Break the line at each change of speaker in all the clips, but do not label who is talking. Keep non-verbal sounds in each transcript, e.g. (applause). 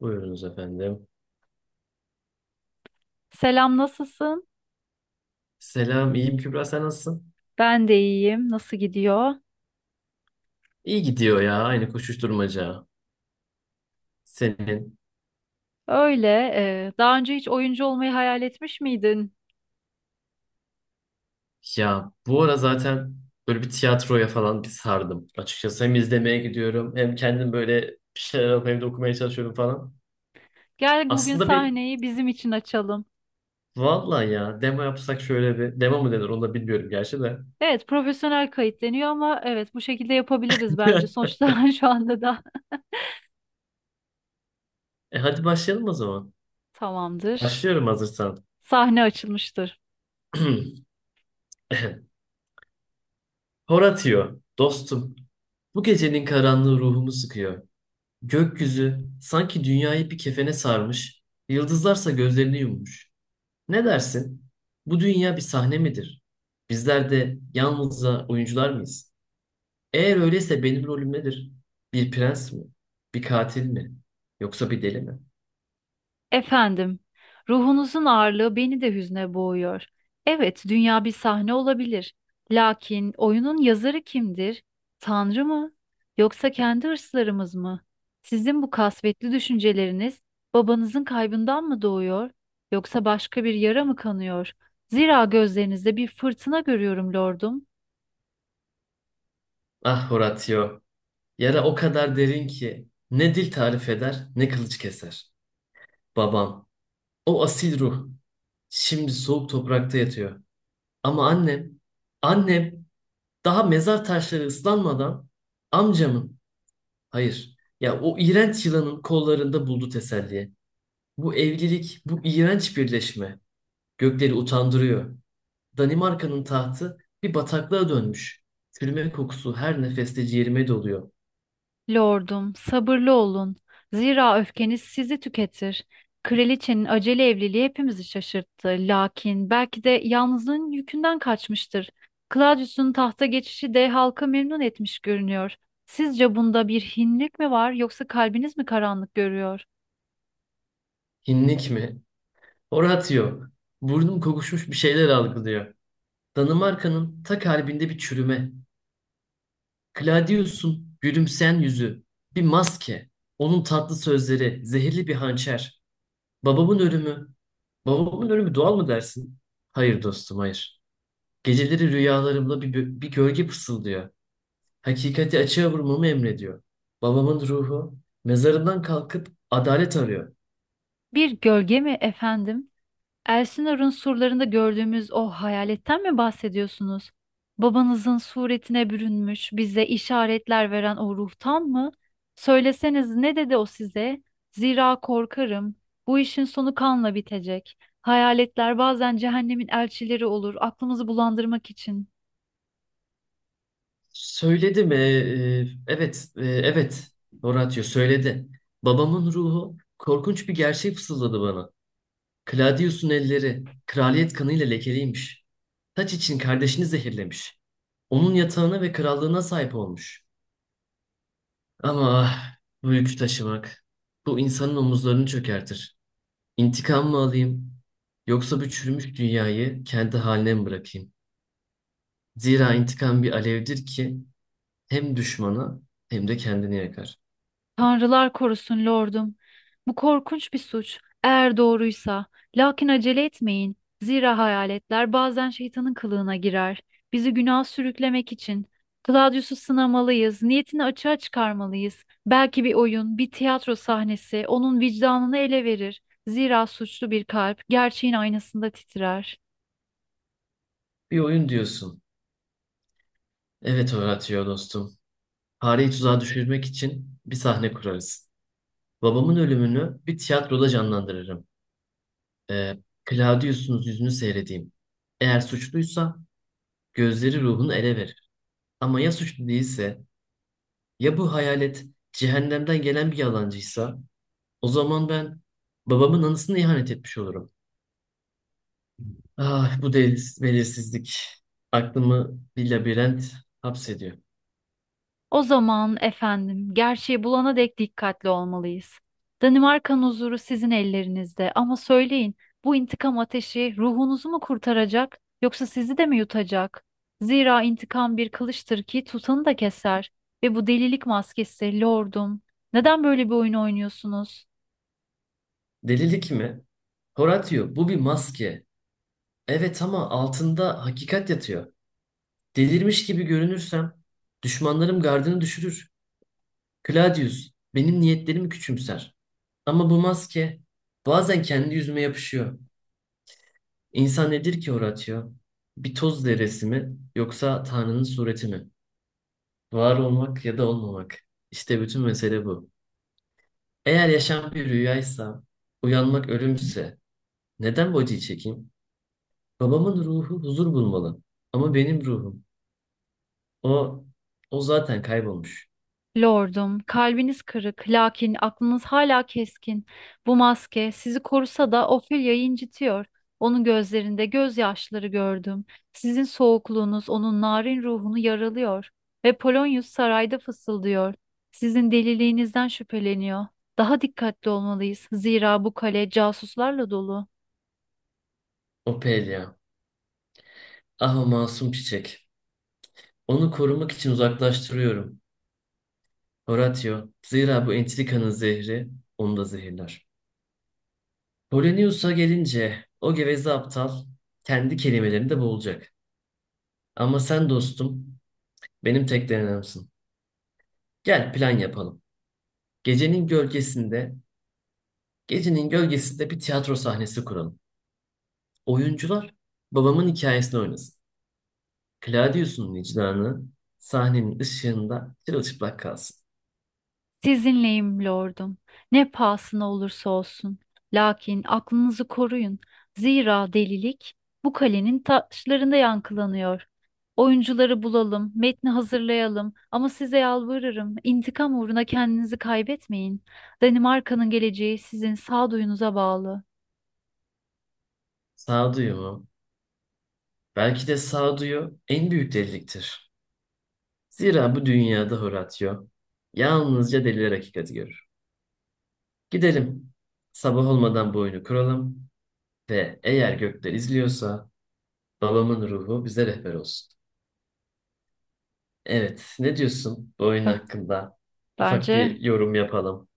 Buyurunuz efendim.
Selam, nasılsın?
Selam, iyiyim Kübra, sen nasılsın?
Ben de iyiyim. Nasıl gidiyor?
İyi gidiyor ya, aynı koşuşturmaca. Senin.
Öyle. Daha önce hiç oyuncu olmayı hayal etmiş miydin?
Ya bu ara zaten böyle bir tiyatroya falan bir sardım. Açıkçası hem izlemeye gidiyorum hem kendim böyle bir şeyler alıp evde okumaya çalışıyorum falan.
Gel bugün
Aslında bir
sahneyi bizim için açalım.
vallahi ya demo yapsak şöyle bir demo mu denir onu da bilmiyorum gerçi de.
Evet, profesyonel kayıt deniyor ama evet bu şekilde yapabiliriz bence.
(laughs)
Sonuçta (laughs) şu anda da
Hadi başlayalım o zaman.
tamamdır.
Başlıyorum hazırsan.
Sahne açılmıştır.
(clears throat) Horatio, dostum. Bu gecenin karanlığı ruhumu sıkıyor. Gökyüzü sanki dünyayı bir kefene sarmış, yıldızlarsa gözlerini yummuş. Ne dersin? Bu dünya bir sahne midir? Bizler de yalnızca oyuncular mıyız? Eğer öyleyse benim rolüm nedir? Bir prens mi? Bir katil mi? Yoksa bir deli mi?
Efendim, ruhunuzun ağırlığı beni de hüzne boğuyor. Evet, dünya bir sahne olabilir. Lakin oyunun yazarı kimdir? Tanrı mı? Yoksa kendi hırslarımız mı? Sizin bu kasvetli düşünceleriniz babanızın kaybından mı doğuyor? Yoksa başka bir yara mı kanıyor? Zira gözlerinizde bir fırtına görüyorum lordum.
Ah Horatio, yara o kadar derin ki ne dil tarif eder ne kılıç keser. Babam, o asil ruh şimdi soğuk toprakta yatıyor. Ama annem, annem daha mezar taşları ıslanmadan amcamın, hayır, ya o iğrenç yılanın kollarında buldu teselli. Bu evlilik, bu iğrenç birleşme gökleri utandırıyor. Danimarka'nın tahtı bir bataklığa dönmüş. Çürüme kokusu her nefeste ciğerime doluyor.
Lordum, sabırlı olun. Zira öfkeniz sizi tüketir. Kraliçenin acele evliliği hepimizi şaşırttı. Lakin belki de yalnızlığın yükünden kaçmıştır. Claudius'un tahta geçişi de halkı memnun etmiş görünüyor. Sizce bunda bir hinlik mi var yoksa kalbiniz mi karanlık görüyor?
Hinlik mi? Horatio. Burnum kokuşmuş bir şeyler algılıyor. Danimarka'nın ta kalbinde bir çürüme. Claudius'un gülümseyen yüzü. Bir maske. Onun tatlı sözleri, zehirli bir hançer. Babamın ölümü. Babamın ölümü doğal mı dersin? Hayır dostum, hayır. Geceleri rüyalarımda bir gölge fısıldıyor. Hakikati açığa vurmamı emrediyor. Babamın ruhu mezarından kalkıp adalet arıyor.
Bir gölge mi efendim? Elsinor'un surlarında gördüğümüz o hayaletten mi bahsediyorsunuz? Babanızın suretine bürünmüş, bize işaretler veren o ruhtan mı? Söyleseniz ne dedi o size? Zira korkarım. Bu işin sonu kanla bitecek. Hayaletler bazen cehennemin elçileri olur, aklımızı bulandırmak için.
Söyledi mi? Evet, evet. Horatio söyledi. Babamın ruhu korkunç bir gerçeği fısıldadı bana. Claudius'un elleri kraliyet kanıyla lekeliymiş. Taç için kardeşini zehirlemiş. Onun yatağına ve krallığına sahip olmuş. Ama ah, bu yükü taşımak. Bu insanın omuzlarını çökertir. İntikam mı alayım? Yoksa bu çürümüş dünyayı kendi haline mi bırakayım? Zira intikam bir alevdir ki hem düşmana hem de kendini yakar.
Tanrılar korusun lordum. Bu korkunç bir suç. Eğer doğruysa. Lakin acele etmeyin. Zira hayaletler bazen şeytanın kılığına girer. Bizi günah sürüklemek için. Claudius'u sınamalıyız. Niyetini açığa çıkarmalıyız. Belki bir oyun, bir tiyatro sahnesi onun vicdanını ele verir. Zira suçlu bir kalp gerçeğin aynasında titrer.
Bir oyun diyorsun. Evet Horatio dostum. Fareyi tuzağa düşürmek için bir sahne kurarız. Babamın ölümünü bir tiyatroda canlandırırım. Ee, Claudius'un yüzünü seyredeyim. Eğer suçluysa gözleri ruhunu ele verir. Ama ya suçlu değilse, ya bu hayalet cehennemden gelen bir yalancıysa o zaman ben babamın anısına ihanet etmiş olurum. Ah bu deliz, belirsizlik aklımı bir labirent hapsediyor.
O zaman efendim, gerçeği bulana dek dikkatli olmalıyız. Danimarka'nın huzuru sizin ellerinizde ama söyleyin, bu intikam ateşi ruhunuzu mu kurtaracak yoksa sizi de mi yutacak? Zira intikam bir kılıçtır ki tutanı da keser ve bu delilik maskesi lordum. Neden böyle bir oyun oynuyorsunuz?
Delilik mi? Horatio bu bir maske. Evet ama altında hakikat yatıyor. Delirmiş gibi görünürsem düşmanlarım gardını düşürür. Claudius benim niyetlerimi küçümser. Ama bu maske bazen kendi yüzüme yapışıyor. İnsan nedir ki Horatio? Bir toz zerresi mi yoksa Tanrı'nın sureti mi? Var olmak ya da olmamak. İşte bütün mesele bu. Eğer yaşam bir rüyaysa, uyanmak ölümse, neden bu acıyı çekeyim? Babamın ruhu huzur bulmalı. Ama benim ruhum, o, o zaten kaybolmuş.
Lordum, kalbiniz kırık, lakin aklınız hala keskin. Bu maske sizi korusa da Ophelia'yı incitiyor. Onun gözlerinde gözyaşları gördüm. Sizin soğukluğunuz onun narin ruhunu yaralıyor. Ve Polonius sarayda fısıldıyor. Sizin deliliğinizden şüpheleniyor. Daha dikkatli olmalıyız. Zira bu kale casuslarla dolu.
O Ophelia, ah o masum çiçek. Onu korumak için uzaklaştırıyorum. Horatio, zira bu entrikanın zehri onu da zehirler. Polonius'a gelince o geveze aptal kendi kelimelerinde boğulacak. Ama sen dostum benim tek denememsin. Gel plan yapalım. Gecenin gölgesinde, gecenin gölgesinde bir tiyatro sahnesi kuralım. Oyuncular babamın hikayesini oynasın. Claudius'un vicdanı sahnenin ışığında çırılçıplak kalsın.
Sizinleyim lordum. Ne pahasına olursa olsun. Lakin aklınızı koruyun. Zira delilik bu kalenin taşlarında yankılanıyor. Oyuncuları bulalım, metni hazırlayalım ama size yalvarırım, intikam uğruna kendinizi kaybetmeyin. Danimarka'nın geleceği sizin sağduyunuza bağlı.
Sağduyu mu? Belki de sağduyu en büyük deliliktir. Zira bu dünyada Horatio yalnızca deliler hakikati görür. Gidelim. Sabah olmadan bu oyunu kuralım ve eğer gökler izliyorsa babamın ruhu bize rehber olsun. Evet, ne diyorsun bu oyun
B-
hakkında? Ufak
Bence
bir yorum yapalım.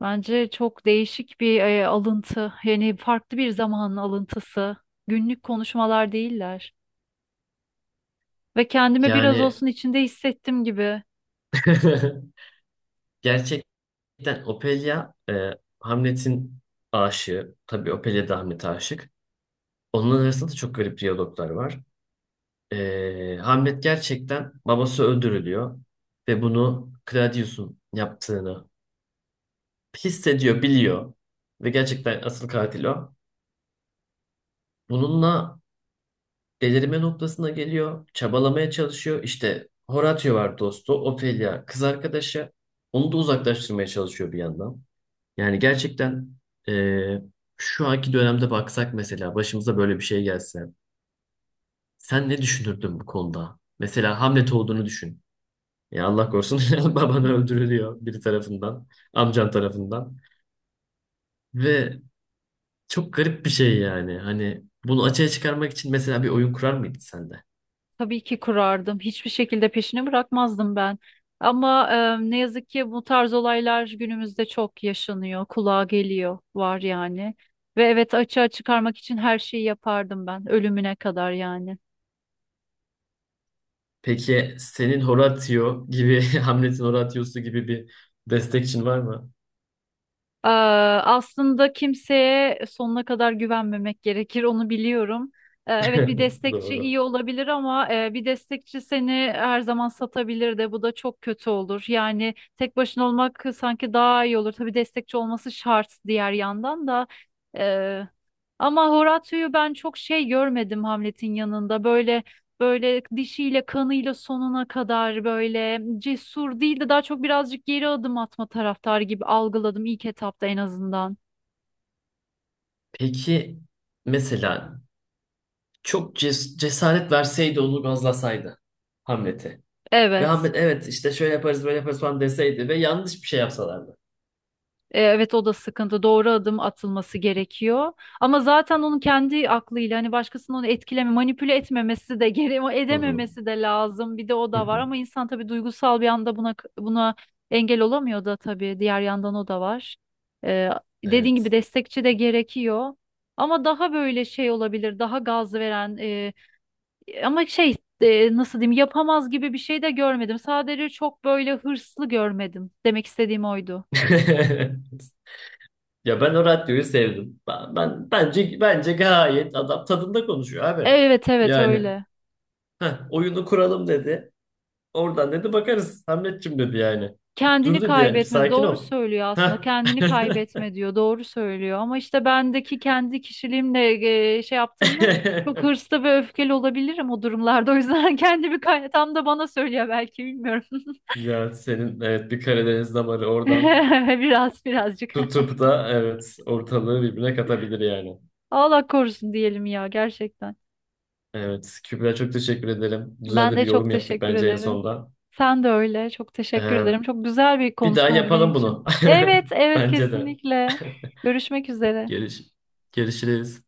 çok değişik bir alıntı. Yani farklı bir zamanın alıntısı. Günlük konuşmalar değiller. Ve kendimi biraz
Yani
olsun içinde hissettim gibi.
(laughs) gerçekten Ophelia Hamlet'in aşığı. Tabii Ophelia da Hamlet'e aşık. Onların arasında da çok garip diyaloglar var. Hamlet gerçekten babası öldürülüyor ve bunu Claudius'un yaptığını hissediyor, biliyor ve gerçekten asıl katil o. Bununla delirme noktasına geliyor, çabalamaya çalışıyor. İşte Horatio var dostu, Ophelia kız arkadaşı. Onu da uzaklaştırmaya çalışıyor bir yandan. Yani gerçekten eee, şu anki dönemde baksak mesela başımıza böyle bir şey gelse. Sen ne düşünürdün bu konuda? Mesela Hamlet olduğunu düşün. Ya Allah korusun (laughs) baban öldürülüyor biri tarafından, amcan tarafından. Ve çok garip bir şey yani. Hani bunu açığa çıkarmak için mesela bir oyun kurar mıydın sen de?
Tabii ki kurardım. Hiçbir şekilde peşini bırakmazdım ben. Ama ne yazık ki bu tarz olaylar günümüzde çok yaşanıyor, kulağa geliyor, var yani. Ve evet, açığa çıkarmak için her şeyi yapardım ben, ölümüne kadar yani.
Peki senin Horatio gibi, (laughs) Hamlet'in Horatio'su gibi bir destekçin var mı?
Ee, Aslında kimseye sonuna kadar güvenmemek gerekir, onu biliyorum. Evet, bir
(laughs)
destekçi
Doğru.
iyi olabilir ama bir destekçi seni her zaman satabilir de, bu da çok kötü olur. Yani tek başına olmak sanki daha iyi olur. Tabii destekçi olması şart diğer yandan da. Ee, Ama Horatio'yu ben çok şey görmedim Hamlet'in yanında. Böyle dişiyle kanıyla sonuna kadar böyle cesur değil de daha çok birazcık geri adım atma taraftarı gibi algıladım ilk etapta en azından.
Peki mesela çok cesaret verseydi, onu gazlasaydı Hamlet'e ve
Evet.
Hamlet evet işte şöyle yaparız böyle yaparız falan deseydi ve yanlış bir şey yapsalardı.
Evet, o da sıkıntı. Doğru adım atılması gerekiyor. Ama zaten onun kendi aklıyla hani başkasının onu etkileme, manipüle etmemesi de (laughs) gere
Hı hı.
edememesi de lazım. Bir de o
Hı
da var
hı.
ama insan tabii duygusal bir anda buna engel olamıyor da tabii diğer yandan o da var. E, Dediğin gibi
Evet.
destekçi de gerekiyor. Ama daha böyle şey olabilir, daha gaz veren ama nasıl diyeyim yapamaz gibi bir şey de görmedim. Sadece çok böyle hırslı görmedim. Demek istediğim oydu.
(laughs) Ya ben o radyoyu sevdim. Bence gayet adam tadında konuşuyor abi.
Evet, evet
Yani
öyle.
"Heh, oyunu kuralım dedi. Oradan dedi bakarız Hamletçim dedi yani. Dur
Kendini
dedi yani bir
kaybetme
sakin
doğru
ol.
söylüyor, aslında
Heh.
kendini kaybetme diyor, doğru söylüyor ama işte bendeki kendi kişiliğimle şey yaptığımda çok
(laughs)
hırslı ve öfkeli olabilirim o durumlarda, o yüzden (laughs) kendimi kay tam da bana söylüyor belki, bilmiyorum
Ya senin evet bir Karadeniz damarı oradan
(laughs) biraz birazcık
tutup da evet ortalığı birbirine katabilir yani.
(laughs) Allah korusun diyelim ya, gerçekten
Evet Kübra çok teşekkür ederim. Güzel
ben
de bir
de çok
yorum yaptık
teşekkür
bence en
ederim,
sonda.
sen de öyle, çok teşekkür
Ee,
ederim, çok güzel bir
Bir daha
konuşma oldu benim
yapalım
için,
bunu.
evet,
(laughs)
evet
Bence de.
kesinlikle görüşmek üzere.
Görüş, görüşürüz.